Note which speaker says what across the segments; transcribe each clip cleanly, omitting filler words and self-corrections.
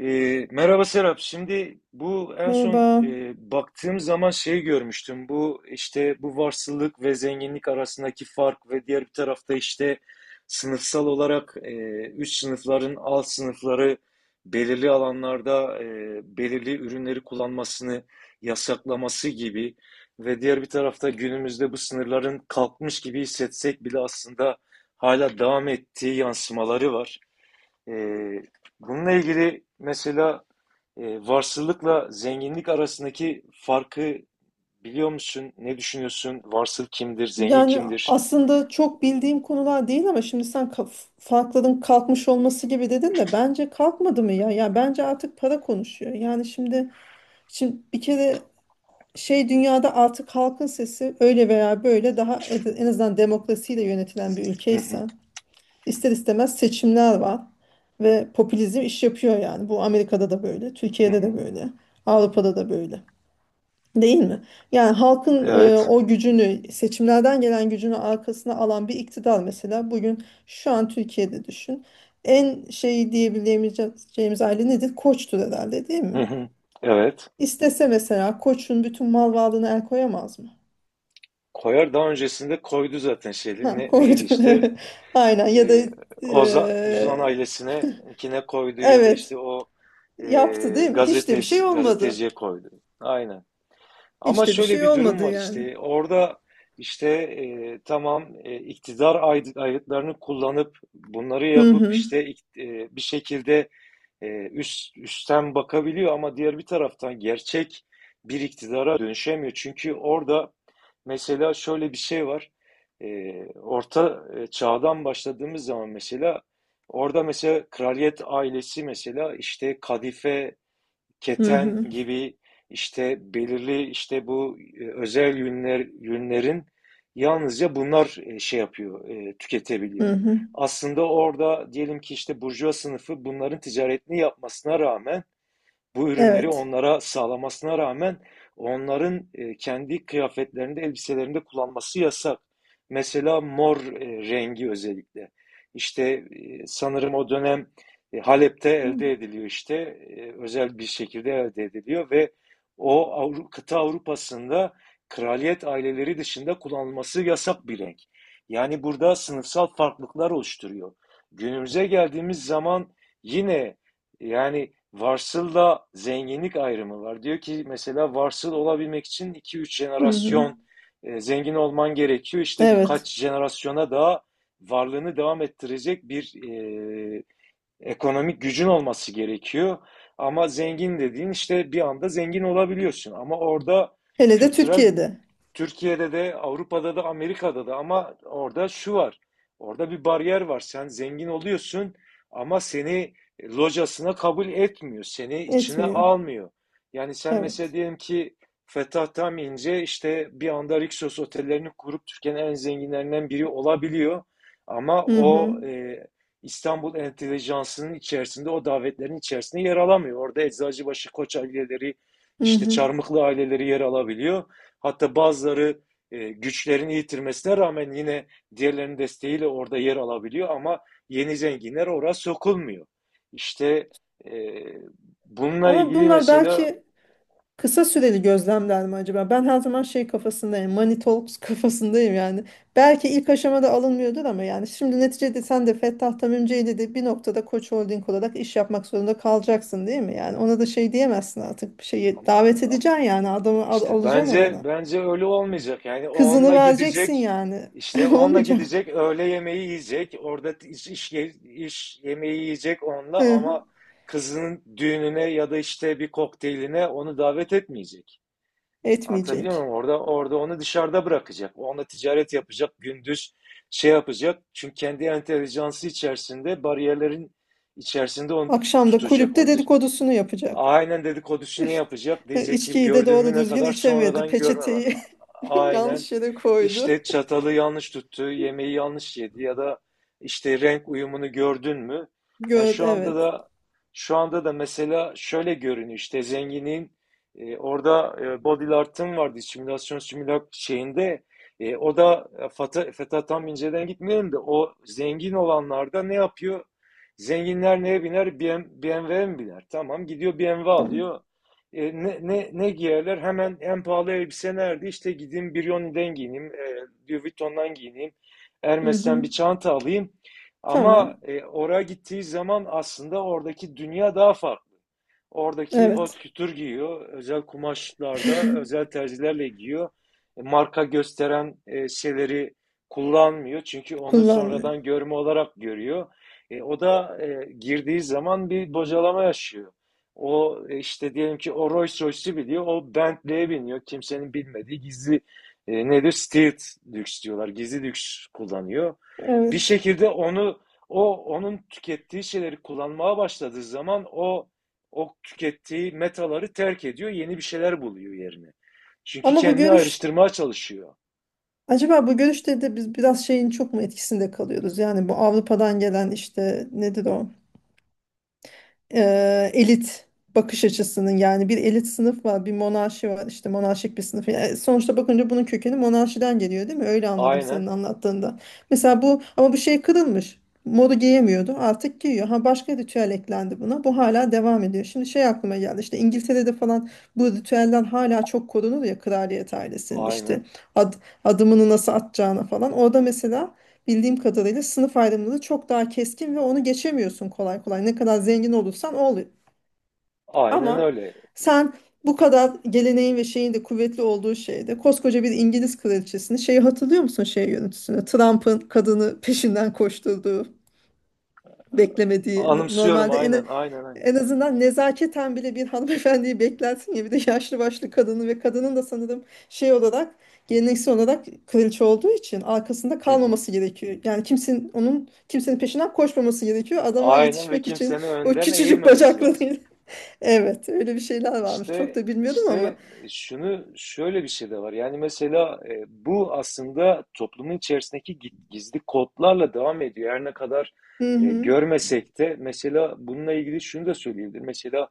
Speaker 1: Merhaba Serap. Şimdi bu en son
Speaker 2: Merhaba.
Speaker 1: baktığım zaman şey görmüştüm. Bu işte bu varsılık ve zenginlik arasındaki fark ve diğer bir tarafta işte sınıfsal olarak üst sınıfların alt sınıfları belirli alanlarda belirli ürünleri kullanmasını yasaklaması gibi ve diğer bir tarafta günümüzde bu sınırların kalkmış gibi hissetsek bile aslında hala devam ettiği yansımaları var. Ee, Bununla ilgili mesela e, varsılıkla zenginlik arasındaki farkı biliyor musun? Ne düşünüyorsun? Varsıl kimdir? Zengin
Speaker 2: Yani
Speaker 1: kimdir?
Speaker 2: aslında çok bildiğim konular değil ama şimdi farklılığın kalkmış olması gibi dedin de bence kalkmadı mı ya? Ya bence artık para konuşuyor. Yani şimdi bir kere şey dünyada artık halkın sesi öyle veya böyle en azından demokrasiyle yönetilen bir
Speaker 1: Hı hı,
Speaker 2: ülkeysen ister istemez seçimler var ve popülizm iş yapıyor yani. Bu Amerika'da da böyle,
Speaker 1: hı
Speaker 2: Türkiye'de
Speaker 1: hı.
Speaker 2: de böyle, Avrupa'da da böyle. Değil mi? Yani halkın
Speaker 1: Evet.
Speaker 2: o gücünü, seçimlerden gelen gücünü arkasına alan bir iktidar mesela bugün şu an Türkiye'de düşün. En şeyi diyebileceğimiz aile nedir? Koçtur herhalde değil
Speaker 1: Hı
Speaker 2: mi?
Speaker 1: hı. Evet.
Speaker 2: İstese mesela Koç'un bütün mal varlığına el koyamaz mı?
Speaker 1: Koyar, daha öncesinde koydu zaten şeyli.
Speaker 2: Ha, koydu.
Speaker 1: Neydi işte?
Speaker 2: Evet. Aynen ya da
Speaker 1: Ee, Uzan
Speaker 2: e,
Speaker 1: ailesine kine koydu ya da
Speaker 2: evet
Speaker 1: işte o e,
Speaker 2: yaptı değil mi? Hiç de bir şey
Speaker 1: gazetesi,
Speaker 2: olmadı.
Speaker 1: gazeteciye koydu. Aynen. Ama
Speaker 2: Hiç de bir
Speaker 1: şöyle
Speaker 2: şey
Speaker 1: bir durum
Speaker 2: olmadı
Speaker 1: var
Speaker 2: yani.
Speaker 1: işte orada işte tamam iktidar ayıtlarını kullanıp bunları
Speaker 2: Hı
Speaker 1: yapıp
Speaker 2: hı,
Speaker 1: işte bir şekilde üst üstten bakabiliyor ama diğer bir taraftan gerçek bir iktidara dönüşemiyor. Çünkü orada mesela şöyle bir şey var. E, Orta Çağ'dan başladığımız zaman mesela orada mesela kraliyet ailesi mesela işte kadife,
Speaker 2: hı
Speaker 1: keten
Speaker 2: hı,
Speaker 1: gibi işte belirli işte bu özel yünler, yünlerin, yalnızca bunlar şey yapıyor,
Speaker 2: hı,
Speaker 1: tüketebiliyor.
Speaker 2: hı.
Speaker 1: Aslında orada diyelim ki işte burjuva sınıfı bunların ticaretini yapmasına rağmen, bu ürünleri
Speaker 2: Evet.
Speaker 1: onlara sağlamasına rağmen onların kendi kıyafetlerinde, elbiselerinde kullanması yasak. Mesela mor rengi özellikle. İşte sanırım o dönem Halep'te elde ediliyor işte. Özel bir şekilde elde ediliyor ve o kıta Avrupa'sında kraliyet aileleri dışında kullanılması yasak bir renk. Yani burada sınıfsal farklılıklar oluşturuyor. Günümüze geldiğimiz zaman yine yani varsılla zenginlik ayrımı var. Diyor ki mesela varsıl olabilmek için iki üç
Speaker 2: Hı hı.
Speaker 1: jenerasyon zengin olman gerekiyor. İşte
Speaker 2: Evet.
Speaker 1: birkaç jenerasyona daha varlığını devam ettirecek bir ekonomik gücün olması gerekiyor. Ama zengin dediğin işte bir anda zengin olabiliyorsun. Ama orada
Speaker 2: Hele de
Speaker 1: kültürel,
Speaker 2: Türkiye'de
Speaker 1: Türkiye'de de, Avrupa'da da, Amerika'da da, ama orada şu var. Orada bir bariyer var. Sen zengin oluyorsun ama seni locasına kabul etmiyor. Seni içine
Speaker 2: etmiyor.
Speaker 1: almıyor. Yani sen mesela
Speaker 2: Evet.
Speaker 1: diyelim ki Fetah Tam İnce işte bir anda Rixos otellerini kurup Türkiye'nin en zenginlerinden biri olabiliyor. Ama
Speaker 2: Hı hı.
Speaker 1: o İstanbul entelijansının içerisinde, o davetlerin içerisinde yer alamıyor. Orada Eczacıbaşı, Koç aileleri,
Speaker 2: Hı
Speaker 1: işte
Speaker 2: hı.
Speaker 1: Çarmıklı aileleri yer alabiliyor. Hatta bazıları güçlerini yitirmesine rağmen yine diğerlerinin desteğiyle orada yer alabiliyor ama yeni zenginler oraya sokulmuyor. İşte e, bununla
Speaker 2: Ama
Speaker 1: ilgili
Speaker 2: bunlar
Speaker 1: mesela
Speaker 2: belki kısa süreli gözlemler mi acaba? Ben her zaman şey kafasındayım. Money talks kafasındayım yani. Belki ilk aşamada alınmıyordur ama yani şimdi neticede sen de Fettah Tamimci'yle de bir noktada Koç Holding olarak iş yapmak zorunda kalacaksın değil mi? Yani ona da şey diyemezsin artık. Bir şeyi
Speaker 1: ama
Speaker 2: davet edeceksin yani adamı
Speaker 1: işte
Speaker 2: alacaksın
Speaker 1: bence
Speaker 2: orana.
Speaker 1: bence öyle olmayacak. Yani
Speaker 2: Kızını
Speaker 1: onunla
Speaker 2: vereceksin
Speaker 1: gidecek,
Speaker 2: yani.
Speaker 1: işte onunla
Speaker 2: Olmayacak.
Speaker 1: gidecek, öğle yemeği yiyecek, orada iş yemeği yiyecek onunla,
Speaker 2: Hı hı.
Speaker 1: ama kızının düğününe ya da işte bir kokteyline onu davet etmeyecek. Anlatabiliyor
Speaker 2: Etmeyecek.
Speaker 1: muyum? Orada onu dışarıda bırakacak. Onunla ticaret yapacak, gündüz şey yapacak. Çünkü kendi entelijansı içerisinde, bariyerlerin içerisinde onu
Speaker 2: Akşam da
Speaker 1: tutacak.
Speaker 2: kulüpte dedikodusunu yapacak.
Speaker 1: Aynen dedikodusunu
Speaker 2: İşte,
Speaker 1: yapacak. Diyecek ki
Speaker 2: içkiyi de
Speaker 1: gördün
Speaker 2: doğru
Speaker 1: mü ne
Speaker 2: düzgün
Speaker 1: kadar
Speaker 2: içemedi.
Speaker 1: sonradan görme var.
Speaker 2: Peçeteyi
Speaker 1: Aynen.
Speaker 2: yanlış yere koydu.
Speaker 1: işte çatalı yanlış tuttu, yemeği yanlış yedi ya da işte renk uyumunu gördün mü? Yani
Speaker 2: Gör,
Speaker 1: şu anda
Speaker 2: evet.
Speaker 1: da şu anda da mesela şöyle görünüyor, işte zenginin orada Body Art'ın vardı simülasyon, simülak şeyinde, o da Feta tam inceden gitmiyorum da o zengin olanlarda ne yapıyor? Zenginler neye biner? BMW 'ye mi biner? Tamam, gidiyor BMW
Speaker 2: Tamam.
Speaker 1: alıyor. Ne giyerler? Hemen en pahalı elbise nerede? İşte gideyim Brioni'den giyineyim, Louis Vuitton'dan giyineyim, Hermes'ten bir
Speaker 2: Mhm.
Speaker 1: çanta alayım. Ama
Speaker 2: Tamam.
Speaker 1: oraya gittiği zaman aslında oradaki dünya daha farklı. Oradaki haute
Speaker 2: Evet.
Speaker 1: couture giyiyor. Özel kumaşlarda, özel terzilerle giyiyor. Marka gösteren şeyleri kullanmıyor. Çünkü onu
Speaker 2: Kullanmıyor.
Speaker 1: sonradan görme olarak görüyor. O da girdiği zaman bir bocalama yaşıyor. O işte diyelim ki o Rolls Royce'u biliyor. O Bentley'e biniyor. Kimsenin bilmediği gizli nedir? Stealth lüks diyorlar. Gizli lüks kullanıyor. Bir
Speaker 2: Evet.
Speaker 1: şekilde onun tükettiği şeyleri kullanmaya başladığı zaman o tükettiği metaları terk ediyor, yeni bir şeyler buluyor yerine. Çünkü
Speaker 2: Ama bu
Speaker 1: kendini
Speaker 2: görüş
Speaker 1: ayrıştırmaya çalışıyor.
Speaker 2: acaba bu görüşte de biz biraz şeyin çok mu etkisinde kalıyoruz? Yani bu Avrupa'dan gelen işte nedir o? e, Elit bakış açısının yani bir elit sınıf var, bir monarşi var işte monarşik bir sınıf. Yani sonuçta bakınca bunun kökeni monarşiden geliyor değil mi? Öyle anladım
Speaker 1: Aynen,
Speaker 2: senin anlattığında. Mesela bu ama bu şey kırılmış. Modu giyemiyordu. Artık giyiyor. Ha başka ritüel eklendi buna. Bu hala devam ediyor. Şimdi şey aklıma geldi. İşte İngiltere'de falan bu ritüelden hala çok korunur ya kraliyet ailesinin işte
Speaker 1: aynen,
Speaker 2: ad, adımını nasıl atacağına falan. Orada mesela bildiğim kadarıyla sınıf ayrımları çok daha keskin ve onu geçemiyorsun kolay kolay. Ne kadar zengin olursan ol.
Speaker 1: aynen
Speaker 2: Ama
Speaker 1: öyle.
Speaker 2: sen bu kadar geleneğin ve şeyin de kuvvetli olduğu şeyde koskoca bir İngiliz kraliçesini şeyi hatırlıyor musun şey yönetüsünü? Trump'ın kadını peşinden koşturduğu beklemediği
Speaker 1: Anımsıyorum,
Speaker 2: normalde
Speaker 1: aynen, aynen, aynen.
Speaker 2: en azından nezaketen bile bir hanımefendiyi beklersin ya bir de yaşlı başlı kadını ve kadının da sanırım şey olarak geleneksel olarak kraliçe olduğu için arkasında
Speaker 1: Hı hı.
Speaker 2: kalmaması gerekiyor. Yani kimsenin onun kimsenin peşinden koşmaması gerekiyor. Adama
Speaker 1: Aynen, ve
Speaker 2: yetişmek için
Speaker 1: kimsenin
Speaker 2: o
Speaker 1: önden
Speaker 2: küçücük
Speaker 1: eğilmemesi lazım.
Speaker 2: bacaklarıyla. Evet, öyle bir şeyler varmış. Çok
Speaker 1: İşte
Speaker 2: da bilmiyordum ama.
Speaker 1: işte e, şunu, şöyle bir şey de var. Yani mesela bu aslında toplumun içerisindeki gizli kodlarla devam ediyor. Her ne kadar
Speaker 2: Hı hı.
Speaker 1: görmesek de mesela bununla ilgili şunu da söyleyebilirim. Mesela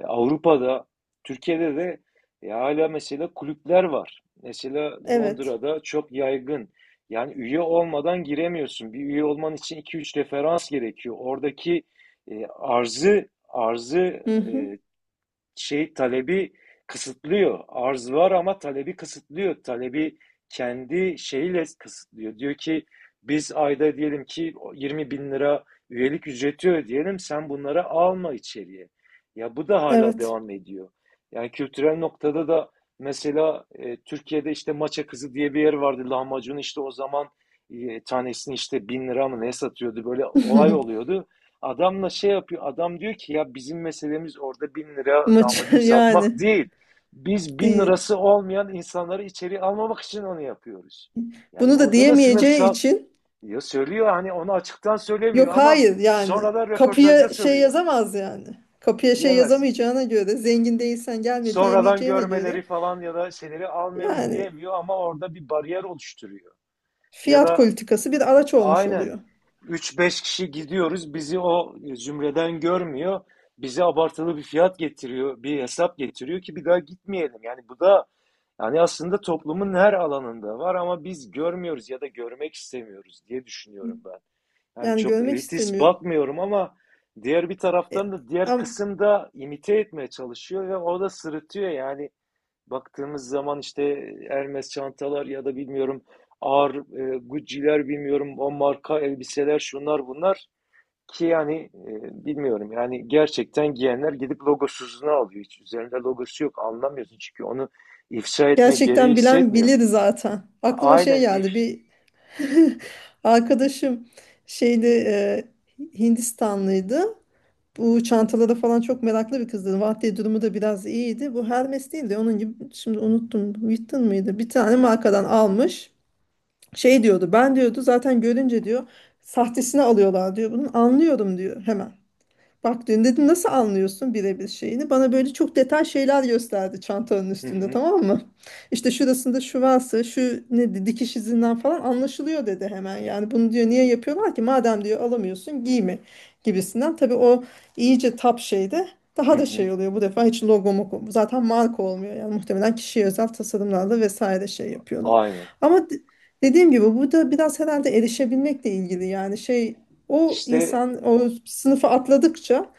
Speaker 1: Avrupa'da, Türkiye'de de hala mesela kulüpler var. Mesela
Speaker 2: Evet.
Speaker 1: Londra'da çok yaygın. Yani üye olmadan giremiyorsun. Bir üye olman için iki üç referans gerekiyor. Oradaki e, arzı arzı
Speaker 2: Hı hı.
Speaker 1: e, şey, talebi kısıtlıyor. Arz var ama talebi kısıtlıyor. Talebi kendi şeyiyle kısıtlıyor. Diyor ki biz ayda diyelim ki 20 bin lira üyelik ücreti ödeyelim, sen bunlara alma içeriye. Ya bu da hala
Speaker 2: Evet.
Speaker 1: devam ediyor. Yani kültürel noktada da mesela Türkiye'de işte Maça Kızı diye bir yer vardı. Lahmacun işte o zaman tanesini işte bin lira mı ne satıyordu, böyle olay oluyordu. Adamla şey yapıyor. Adam diyor ki ya bizim meselemiz orada bin lira
Speaker 2: Maç
Speaker 1: damacun satmak
Speaker 2: yani
Speaker 1: değil. Biz bin
Speaker 2: değil.
Speaker 1: lirası olmayan insanları içeri almamak için onu yapıyoruz. Yani
Speaker 2: Bunu da
Speaker 1: orada da
Speaker 2: diyemeyeceği
Speaker 1: sınıfsal,
Speaker 2: için
Speaker 1: ya söylüyor, hani onu açıktan söylemiyor
Speaker 2: yok
Speaker 1: ama
Speaker 2: hayır yani
Speaker 1: sonradan röportajda
Speaker 2: kapıya şey
Speaker 1: söylüyor.
Speaker 2: yazamaz yani. Kapıya şey
Speaker 1: Diyemez.
Speaker 2: yazamayacağına göre zengin değilsen gelme
Speaker 1: Sonradan
Speaker 2: diyemeyeceğine
Speaker 1: görmeleri
Speaker 2: göre
Speaker 1: falan ya da şeyleri almıyoruz
Speaker 2: yani
Speaker 1: diyemiyor, ama orada bir bariyer oluşturuyor. Ya
Speaker 2: fiyat
Speaker 1: da
Speaker 2: politikası bir araç olmuş
Speaker 1: aynen.
Speaker 2: oluyor.
Speaker 1: Üç beş kişi gidiyoruz. Bizi o zümreden görmüyor. Bize abartılı bir fiyat getiriyor, bir hesap getiriyor ki bir daha gitmeyelim. Yani bu da, yani aslında toplumun her alanında var ama biz görmüyoruz ya da görmek istemiyoruz diye düşünüyorum ben. Yani
Speaker 2: Yani
Speaker 1: çok
Speaker 2: görmek
Speaker 1: elitist
Speaker 2: istemiyor.
Speaker 1: bakmıyorum ama diğer bir
Speaker 2: E,
Speaker 1: taraftan da diğer
Speaker 2: am-
Speaker 1: kısım da imite etmeye çalışıyor ve o da sırıtıyor yani. Baktığımız zaman işte Hermes çantalar ya da bilmiyorum ağır Gucci'ler, bilmiyorum, o marka elbiseler, şunlar bunlar ki yani bilmiyorum, yani gerçekten giyenler gidip logosuzunu alıyor. Hiç üzerinde logosu yok, anlamıyorsun, çünkü onu ifşa etme gereği
Speaker 2: Gerçekten bilen
Speaker 1: hissetmiyor.
Speaker 2: bilir zaten. Aklıma şey
Speaker 1: Aynen if
Speaker 2: geldi bir arkadaşım şeyde Hindistanlıydı. Bu çantalara falan çok meraklı bir kızdı. Vahdi durumu da biraz iyiydi. Bu Hermes değildi. Onun gibi şimdi unuttum. Witten mıydı? Bir tane markadan almış. Şey diyordu. Ben diyordu zaten görünce diyor sahtesini alıyorlar diyor. Bunu anlıyorum diyor hemen. Bak dedim, nasıl anlıyorsun birebir şeyini? Bana böyle çok detay şeyler gösterdi çantanın
Speaker 1: Hı
Speaker 2: üstünde
Speaker 1: hı,
Speaker 2: tamam mı? İşte şurasında şu varsa şu ne dikiş izinden falan anlaşılıyor dedi hemen. Yani bunu diyor niye yapıyorlar ki? Madem diyor alamıyorsun giyme gibisinden. Tabii o iyice tap şeyde
Speaker 1: hı
Speaker 2: daha da
Speaker 1: hı.
Speaker 2: şey oluyor bu defa hiç zaten marka olmuyor yani muhtemelen kişiye özel tasarımlarla vesaire şey yapıyorlar.
Speaker 1: Aynen.
Speaker 2: Ama de- Dediğim gibi bu da biraz herhalde erişebilmekle ilgili yani şey o
Speaker 1: İşte
Speaker 2: insan o sınıfı atladıkça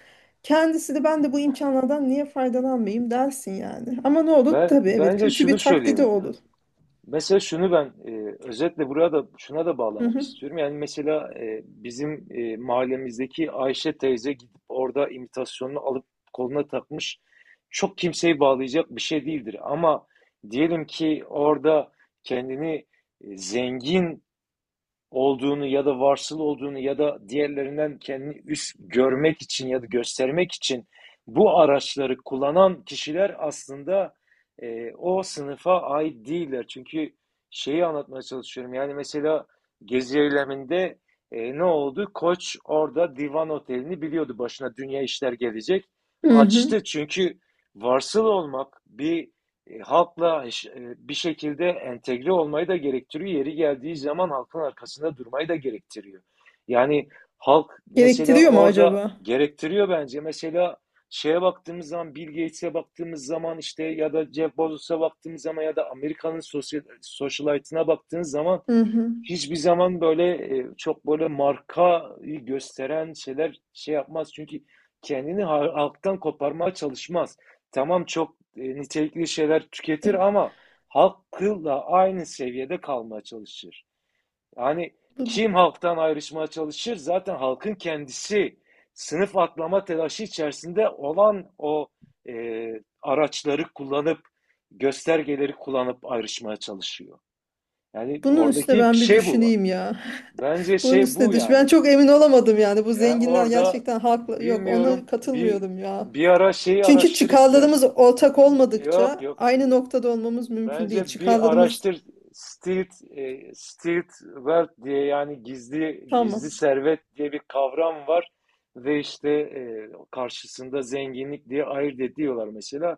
Speaker 2: kendisi de ben de bu imkanlardan niye faydalanmayayım dersin yani. Ama ne olur tabii evet
Speaker 1: bence
Speaker 2: kötü
Speaker 1: şunu
Speaker 2: bir taklidi
Speaker 1: söylemek
Speaker 2: olur.
Speaker 1: lazım. Mesela şunu ben özetle buraya da, şuna da
Speaker 2: Hı
Speaker 1: bağlamak
Speaker 2: hı.
Speaker 1: istiyorum. Yani mesela bizim mahallemizdeki Ayşe teyze gidip orada imitasyonunu alıp koluna takmış, çok kimseyi bağlayacak bir şey değildir. Ama diyelim ki orada kendini zengin olduğunu ya da varsıl olduğunu ya da diğerlerinden kendini üst görmek için ya da göstermek için bu araçları kullanan kişiler aslında o sınıfa ait değiller. Çünkü şeyi anlatmaya çalışıyorum. Yani mesela Gezi eyleminde ne oldu? Koç orada Divan Otel'ini biliyordu. Başına dünya işler gelecek.
Speaker 2: Hı hı.
Speaker 1: Açtı, çünkü varsıl olmak bir halkla bir şekilde entegre olmayı da gerektiriyor. Yeri geldiği zaman halkın arkasında durmayı da gerektiriyor. Yani halk mesela
Speaker 2: Gerektiriyor mu
Speaker 1: orada
Speaker 2: acaba?
Speaker 1: gerektiriyor bence. Mesela şeye baktığımız zaman, Bill Gates'e baktığımız zaman, işte ya da Jeff Bezos'a baktığımız zaman ya da Amerika'nın sosyal, socialite'ına baktığınız zaman
Speaker 2: Hı hı.
Speaker 1: hiçbir zaman böyle çok böyle markayı gösteren şeyler şey yapmaz. Çünkü kendini halktan koparmaya çalışmaz. Tamam, çok nitelikli şeyler tüketir ama halkla aynı seviyede kalmaya çalışır. Yani
Speaker 2: Bu-
Speaker 1: kim halktan ayrışmaya çalışır? Zaten halkın kendisi, sınıf atlama telaşı içerisinde olan, o e, araçları kullanıp, göstergeleri kullanıp ayrışmaya çalışıyor. Yani
Speaker 2: Bunun üstüne
Speaker 1: oradaki
Speaker 2: ben bir
Speaker 1: şey bu.
Speaker 2: düşüneyim ya.
Speaker 1: Bence
Speaker 2: Bunun
Speaker 1: şey
Speaker 2: üstüne
Speaker 1: bu
Speaker 2: düş. Ben
Speaker 1: yani.
Speaker 2: çok emin olamadım yani. Bu
Speaker 1: Yani
Speaker 2: zenginler
Speaker 1: orada
Speaker 2: gerçekten haklı. Yok ona
Speaker 1: bilmiyorum, bir
Speaker 2: katılmıyorum ya.
Speaker 1: bir ara şeyi
Speaker 2: Çünkü
Speaker 1: araştır
Speaker 2: çıkarlarımız
Speaker 1: istersen.
Speaker 2: ortak
Speaker 1: Yok
Speaker 2: olmadıkça
Speaker 1: yok.
Speaker 2: aynı noktada olmamız mümkün değil.
Speaker 1: Bence bir
Speaker 2: Çıkarlarımız
Speaker 1: araştır, stealth wealth diye, yani gizli gizli
Speaker 2: tamam.
Speaker 1: servet diye bir kavram var ve işte karşısında zenginlik diye ayırt ediyorlar mesela.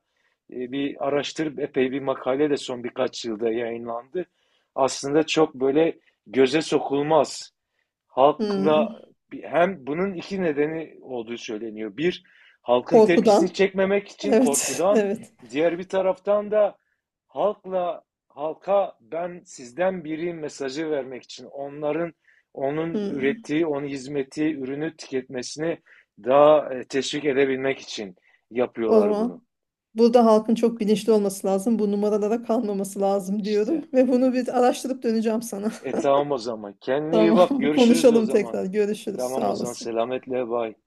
Speaker 1: Bir araştır, epey bir makale de son birkaç yılda yayınlandı. Aslında çok böyle göze sokulmaz.
Speaker 2: Hmm.
Speaker 1: Halkla hem bunun iki nedeni olduğu söyleniyor. Bir, halkın tepkisini
Speaker 2: Korkudan.
Speaker 1: çekmemek için
Speaker 2: Evet,
Speaker 1: korkudan,
Speaker 2: evet.
Speaker 1: diğer bir taraftan da halkla halka ben sizden biri mesajı vermek için onun
Speaker 2: Hmm.
Speaker 1: ürettiği, onun hizmeti, ürünü tüketmesini daha teşvik edebilmek için
Speaker 2: O
Speaker 1: yapıyorlar bunu.
Speaker 2: zaman burada halkın çok bilinçli olması lazım. Bu numaralara kalmaması lazım diyorum.
Speaker 1: İşte.
Speaker 2: Ve bunu bir araştırıp döneceğim sana.
Speaker 1: E tamam o zaman. Kendine iyi bak.
Speaker 2: Tamam,
Speaker 1: Görüşürüz o
Speaker 2: konuşalım
Speaker 1: zaman.
Speaker 2: tekrar. Görüşürüz.
Speaker 1: Tamam o
Speaker 2: Sağ
Speaker 1: zaman.
Speaker 2: olasın.
Speaker 1: Selametle. Bay.